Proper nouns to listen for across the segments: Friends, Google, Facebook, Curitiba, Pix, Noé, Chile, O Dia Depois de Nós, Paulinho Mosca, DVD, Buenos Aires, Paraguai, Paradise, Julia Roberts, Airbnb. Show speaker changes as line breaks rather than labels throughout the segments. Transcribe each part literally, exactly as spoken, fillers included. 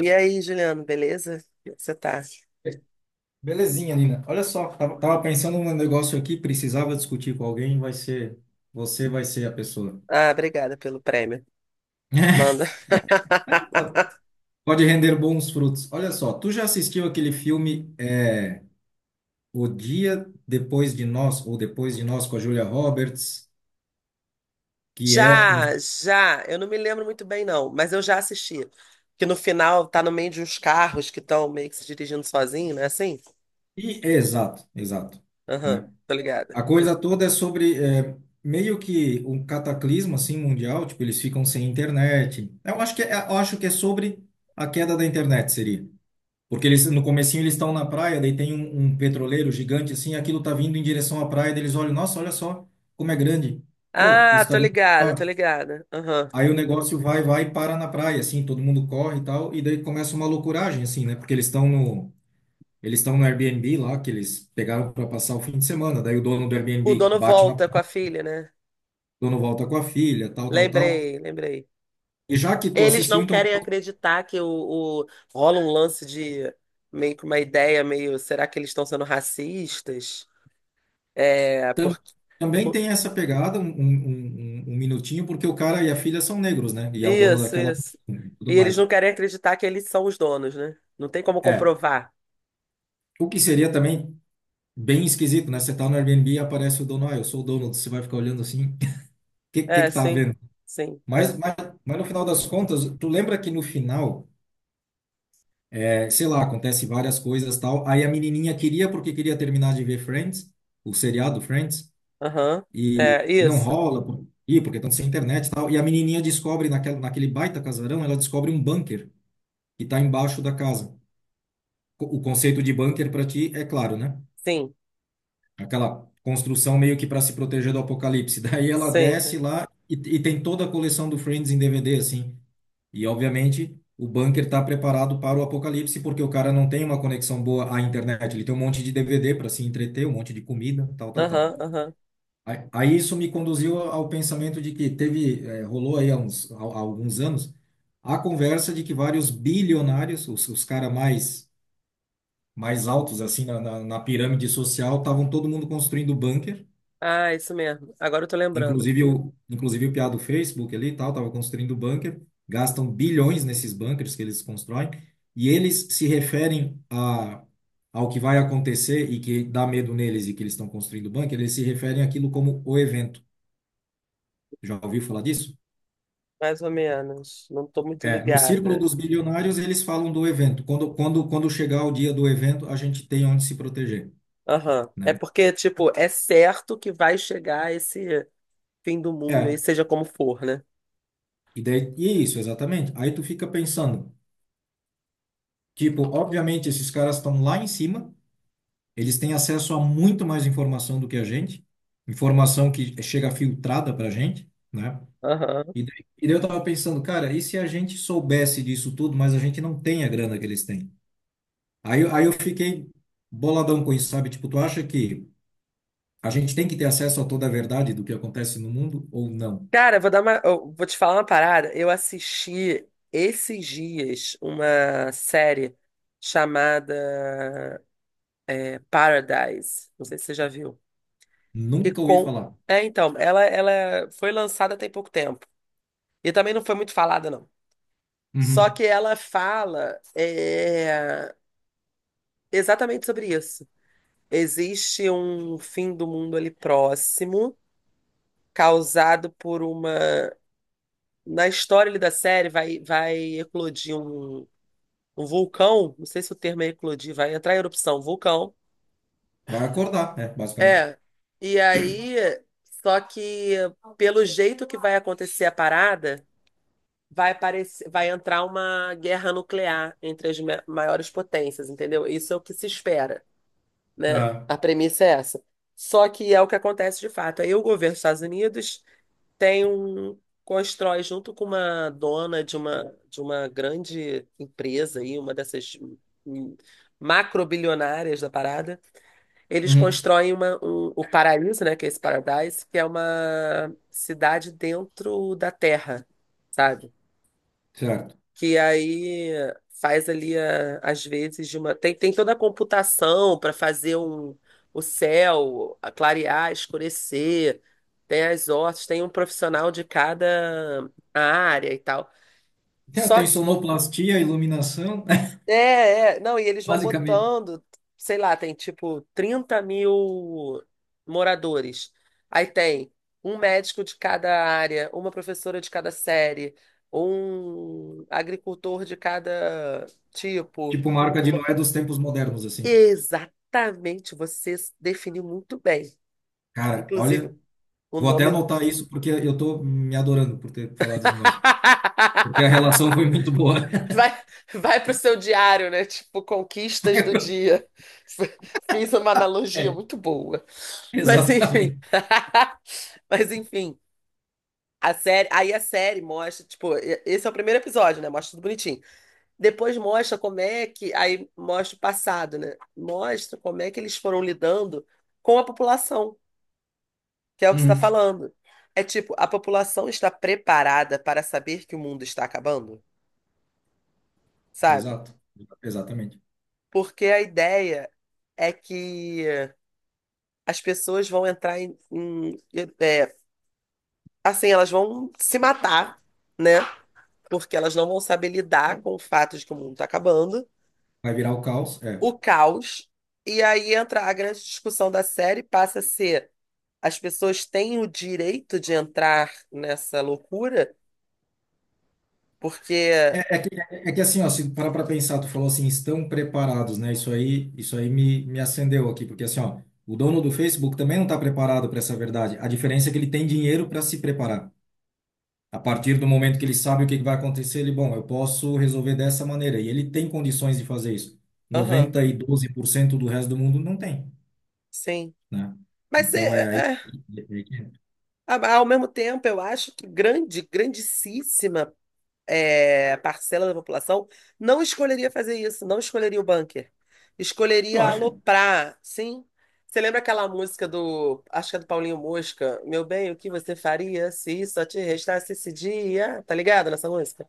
E aí, Juliano, beleza? Como é que Você tá?
Belezinha, Nina. Olha só, tava, tava pensando num negócio aqui, precisava discutir com alguém, vai ser, você vai ser a pessoa.
Ah, obrigada pelo prêmio. Manda.
Pode render bons frutos. Olha só, tu já assistiu aquele filme é, O Dia Depois de Nós, ou Depois de Nós, com a Julia Roberts, que é um...
Já, já. Eu não me lembro muito bem, não, mas eu já assisti. Que no final tá no meio de uns carros que estão meio que se dirigindo sozinho, né? Assim?
e- é, Exato, exato,
Aham,
né?
tô ligada.
A coisa toda é sobre é, meio que um cataclismo, assim, mundial, tipo, eles ficam sem internet. Eu acho que é, eu acho que é sobre a queda da internet, seria. Porque eles, no comecinho eles estão na praia, daí tem um, um petroleiro gigante assim, aquilo tá vindo em direção à praia, daí eles olham, nossa, olha só como é grande. Oh,
Ah,
isso tá
tô
vindo
ligada,
pra
tô
cá.
ligada. Aham.
Aí o negócio vai, vai e para na praia, assim, todo mundo corre e tal, e daí começa uma loucuragem, assim, né? Porque eles estão no, eles estão no Airbnb lá, que eles pegaram para passar o fim de semana, daí o dono do
O
Airbnb
dono
bate na
volta com a
porta,
filha, né?
o dono volta com a filha, tal, tal, tal.
Lembrei, lembrei.
E já que tu
Eles
assistiu,
não
então
querem acreditar que o, o- rola um lance de meio que uma ideia, meio, será que eles estão sendo racistas? É,
Tam-
porque.
Também
por-
tem essa pegada, um, um- um- um um minutinho, porque o cara e a filha são negros, né? E é o dono
Isso,
daquela
isso.
mansão e
E
tudo
eles não
mais.
querem acreditar que eles são os donos, né? Não tem como
É,
comprovar.
o que seria também bem esquisito, né? Você tá no Airbnb e aparece o dono, ah, eu sou o dono, você vai ficar olhando assim, o que, que
É,
que tá
sim.
vendo.
Sim. É.
Mas, mas, mas no final das contas, tu lembra que no final, é, sei lá, acontece várias coisas tal, aí a menininha queria porque queria terminar de ver Friends, o seriado Friends,
Aham.
e,
É,
e não
isso.
rola, por- e porque estão sem internet e tal. E a menininha descobre, naquela, naquele baita casarão, ela descobre um bunker que está embaixo da casa. Co- O conceito de bunker para ti é claro, né?
Sim.
Aquela construção meio que para se proteger do apocalipse. Daí ela
Sim,
desce
sim.
lá e, e tem toda a coleção do Friends em D V D, assim. E, obviamente, o bunker está preparado para o apocalipse porque o cara não tem uma conexão boa à internet. Ele tem um monte de D V D para se entreter, um monte de comida, tal, tal, tal.
Aham, aham.
Aí aí isso me conduziu ao pensamento de que teve, eh, rolou aí há uns, há- há alguns anos, a conversa de que vários bilionários, os, os caras mais, mais altos assim na, na, na pirâmide social, estavam todo mundo construindo bunker,
Ah, isso mesmo. Agora eu tô lembrando.
inclusive o, inclusive o piá do Facebook ali e tal, estava construindo bunker, gastam bilhões nesses bunkers que eles constroem, e eles se referem a, ao que vai acontecer e que dá medo neles e que eles estão construindo bunker, eles se referem àquilo como o evento. Já ouviu falar disso?
Mais ou menos. Não tô muito
É, no círculo
ligada.
dos bilionários, eles falam do evento. Quando, quando, quando chegar o dia do evento, a gente tem onde se proteger,
Aham. É
né?
porque, tipo, é certo que vai chegar esse fim do mundo
É,
aí, seja como for, né?
e, daí, e é isso, exatamente. Aí tu fica pensando, tipo, obviamente esses caras estão lá em cima, eles têm acesso a muito mais informação do que a gente, informação que chega filtrada pra gente, né?
Aham.
E daí, e daí eu tava pensando, cara, e se a gente soubesse disso tudo, mas a gente não tem a grana que eles têm? Aí, eu- aí eu fiquei boladão com isso, sabe? Tipo, tu acha que a gente tem que ter acesso a toda a verdade do que acontece no mundo ou não?
Cara, eu vou dar uma, eu vou te falar uma parada. Eu assisti esses dias uma série chamada é, Paradise. Não sei se você já viu. Que
Nunca ouvi
com...
falar.
É, então, ela, ela foi lançada tem pouco tempo. E também não foi muito falada, não. Só
Uhum.
que ela fala é, exatamente sobre isso. Existe um fim do mundo ali próximo, causado por uma. Na história ali da série, vai, vai eclodir um um vulcão, não sei se o termo é eclodir, vai entrar em erupção, vulcão.
Vai acordar, é, basicamente.
É. E aí, só que pelo jeito que vai acontecer a parada, vai aparecer, vai entrar uma guerra nuclear entre as ma- maiores potências, entendeu? Isso é o que se espera, né?
Ah,
A premissa é essa. Só que é o que acontece de fato. Aí o governo dos Estados Unidos tem um constrói junto com uma dona de uma de uma grande empresa aí, uma dessas hum, macrobilionárias da parada. Eles
uhum.
constroem uma, um- o paraíso, né, que é esse Paradise, que é uma cidade dentro da terra, sabe?
Certo.
Que aí faz ali a- às vezes de uma tem, tem toda a computação para fazer um o céu a clarear, escurecer, tem as hortas, tem um profissional de cada área e tal.
Tem
Só
tem sonoplastia, iluminação,
é, é, não, e eles vão
basicamente.
botando, sei lá, tem tipo trinta mil moradores. Aí tem um médico de cada área, uma professora de cada série, um agricultor de cada tipo.
Tipo marca de
uma-
Noé dos tempos modernos, assim.
Exatamente, você definiu muito bem.
Cara,
Inclusive,
olha,
o
vou até
nome.
anotar isso porque eu tô me adorando por ter falado desse negócio. Porque a relação foi muito boa.
Vai, vai pro seu diário, né? Tipo, conquistas do dia. F- Fiz uma analogia
É.
muito boa. Mas enfim.
Exatamente.
Mas enfim. A série, aí a série mostra, tipo, e- esse é o primeiro episódio, né? Mostra tudo bonitinho. Depois mostra como é que, aí mostra o passado, né? Mostra como é que eles foram lidando com a população, que é o que você está
Uhum.
falando. É tipo, a população está preparada para saber que o mundo está acabando, sabe?
Exato. Exatamente.
Porque a ideia é que as pessoas vão entrar em, em- é, assim, elas vão se matar, né? Porque elas não vão saber lidar com o fato de que o mundo está acabando,
Vai virar o caos? É.
o caos. E aí entra a grande discussão da série, passa a ser as pessoas têm o direito de entrar nessa loucura, porque,
É, é que, é que assim, ó, se parar para pensar, tu falou assim, estão preparados, né? Isso aí, isso aí me, me acendeu aqui, porque assim, ó, o dono do Facebook também não está preparado para essa verdade. A diferença é que ele tem dinheiro para se preparar. A partir do momento que ele sabe o que que vai acontecer, ele, bom, eu posso resolver dessa maneira. E ele tem condições de fazer isso.
aham,
Noventa e dois por cento do resto do mundo não tem,
sim.
né?
Mas
Então é
é,
aí.
é, é,
é aí que-
ao mesmo tempo, eu acho que grande, grandíssima é, parcela da população não escolheria fazer isso, não escolheria o bunker.
Tu
Escolheria
acha?
aloprar, sim. Você lembra aquela música do, acho que é do Paulinho Mosca, Meu bem, o que você faria se só te restasse esse dia? Tá ligado nessa música?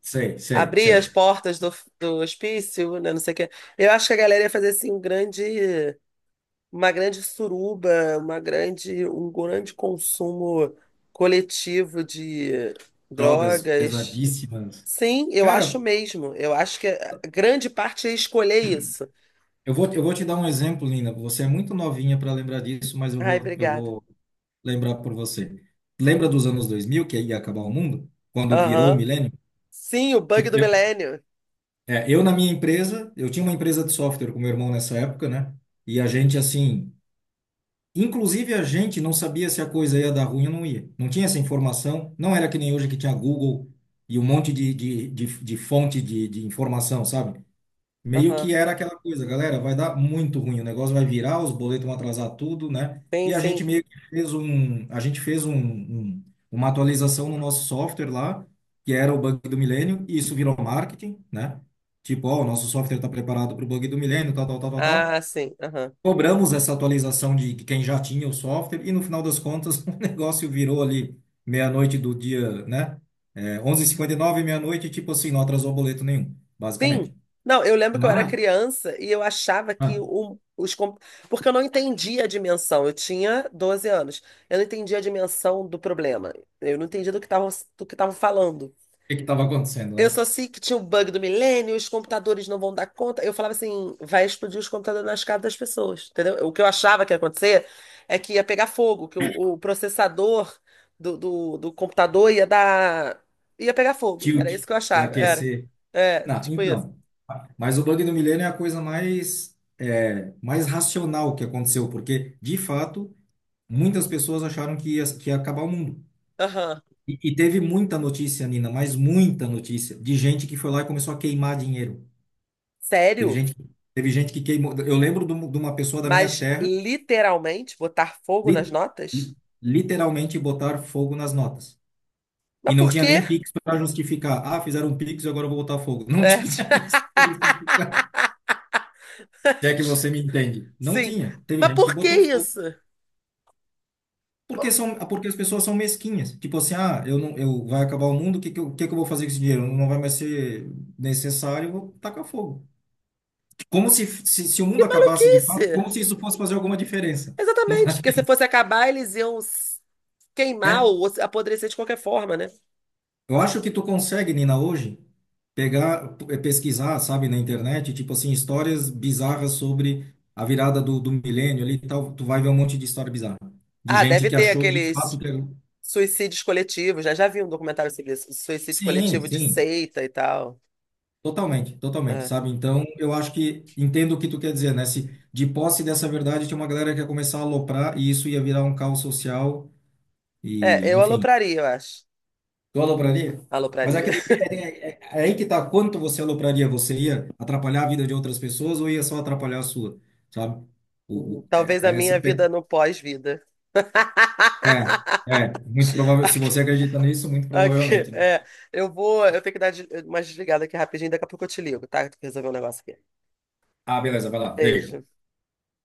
Sei, sei,
Abrir as
sei.
portas do, do hospício, né, não sei o quê. Eu acho que a galera ia fazer assim um grande, uma grande suruba, uma grande, um grande consumo coletivo de
Drogas
drogas.
pesadíssimas.
Sim, eu acho
Cara,
mesmo. Eu acho que a grande parte é escolher isso.
Eu vou, eu vou te dar um exemplo, Lina. Você é muito novinha para lembrar disso, mas eu
Ai,
vou, eu
obrigada.
vou lembrar por você. Lembra dos anos dois mil, que ia acabar o mundo? Quando virou o
Aham.
milênio?
Sim, o bug
Tipo,
do
eu,
milênio.
é, eu na minha empresa, eu tinha uma empresa de software com meu irmão nessa época, né? E a gente, assim, inclusive a gente não sabia se a coisa ia dar ruim ou não ia. Não tinha essa informação. Não era que nem hoje que tinha Google e um monte de, de, de, de fonte de, de informação, sabe? Meio que
Aham.
era aquela coisa, galera, vai dar muito ruim, o negócio vai virar, os boletos vão atrasar tudo, né?
Sim,
E a gente
sim.
meio que fez um, a gente fez um, um- uma atualização no nosso software lá, que era o bug do milênio, e isso virou marketing, né? Tipo, ó, o nosso software está preparado para o bug do milênio, tal, tal, tal, tal, tal.
Ah, sim. Aham.
Cobramos essa atualização de quem já tinha o software, e no final das contas, o negócio virou ali meia-noite do dia, né? É, onze e cinquenta e nove, meia-noite, tipo assim, não atrasou boleto nenhum,
Sim.
basicamente.
Não, eu lembro que eu era
Mas.
criança e eu achava que o, os. Com- Porque eu não entendia a dimensão. Eu tinha doze anos. Eu não entendia a dimensão do problema. Eu não entendia do que estavam do que estavam falando.
Que estava acontecendo,
Eu
né?
só sei que tinha o bug do milênio, os computadores não vão dar conta. Eu falava assim, vai explodir os computadores nas casas das pessoas, entendeu? O que eu achava que ia acontecer é que ia pegar fogo, que o, o processador do, do, do computador ia dar... ia pegar fogo. Era isso
Tilt
que eu
e
achava, era.
aquecer.
É,
Não,
tipo isso.
então. Mas o bug do milênio é a coisa mais, é, mais racional que aconteceu, porque, de fato, muitas pessoas acharam que ia, que ia acabar o mundo.
Aham.
E, e teve muita notícia, Nina, mas muita notícia, de gente que foi lá e começou a queimar dinheiro. Teve
Sério?
gente, que- teve gente que queimou. Eu lembro de um- de uma pessoa da minha
Mas
terra,
literalmente botar fogo nas
li-
notas?
literalmente botar fogo nas notas.
Mas
E não
por
tinha
quê?
nem Pix para justificar. Ah, fizeram um Pix e agora eu vou botar fogo. Não
É,
tinha isso para justificar. Se é que você me entende. Não
sim.
tinha. Teve
Mas
gente que
por que
botou fogo.
isso?
Porque são, porque as pessoas são mesquinhas. Tipo assim, ah, eu não, eu vai acabar o mundo, o que que eu, o que que eu vou fazer com esse dinheiro? Não vai mais ser necessário, eu vou tacar fogo. Como se, se, se o
Que
mundo acabasse de fato,
maluquice!
como se isso fosse fazer alguma diferença. Não
Exatamente,
faz
porque se
diferença.
fosse acabar, eles iam s- queimar
É
ou se- apodrecer de qualquer forma, né?
Eu acho que tu consegue, Nina, hoje, pegar, eh, pesquisar, sabe, na internet, tipo assim, histórias bizarras sobre a virada do, do milênio ali e tal. Tu vai ver um monte de história bizarra. De
Ah,
gente
deve
que
ter
achou de fato
aqueles
que era...
suicídios coletivos, né? Já vi um documentário sobre isso, suicídio
Sim,
coletivo de
sim,
seita e tal.
totalmente, totalmente,
É,
sabe? Então, eu acho que entendo o que tu quer dizer, né? Se de posse dessa verdade tinha uma galera que ia começar a aloprar e isso ia virar um caos social
É,
e,
eu
enfim,
alopraria, eu acho.
Tu alopraria? Mas é
Alopraria.
que depende, é, é- é aí que tá, quanto você alopraria, você ia atrapalhar a vida de outras pessoas ou ia só atrapalhar a sua, sabe? O,
Hum,
o-
talvez
é,
a
é
minha
essa
vida
pe-
no pós-vida.
é, é, muito provável, se
Aqui,
você acredita nisso, muito
aqui,
provavelmente. Né?
é, eu vou, eu tenho que dar de- uma desligada aqui rapidinho, daqui a pouco eu te ligo, tá? Tem que resolver um negócio aqui.
Ah, beleza, vai lá, beijo.
Beijo.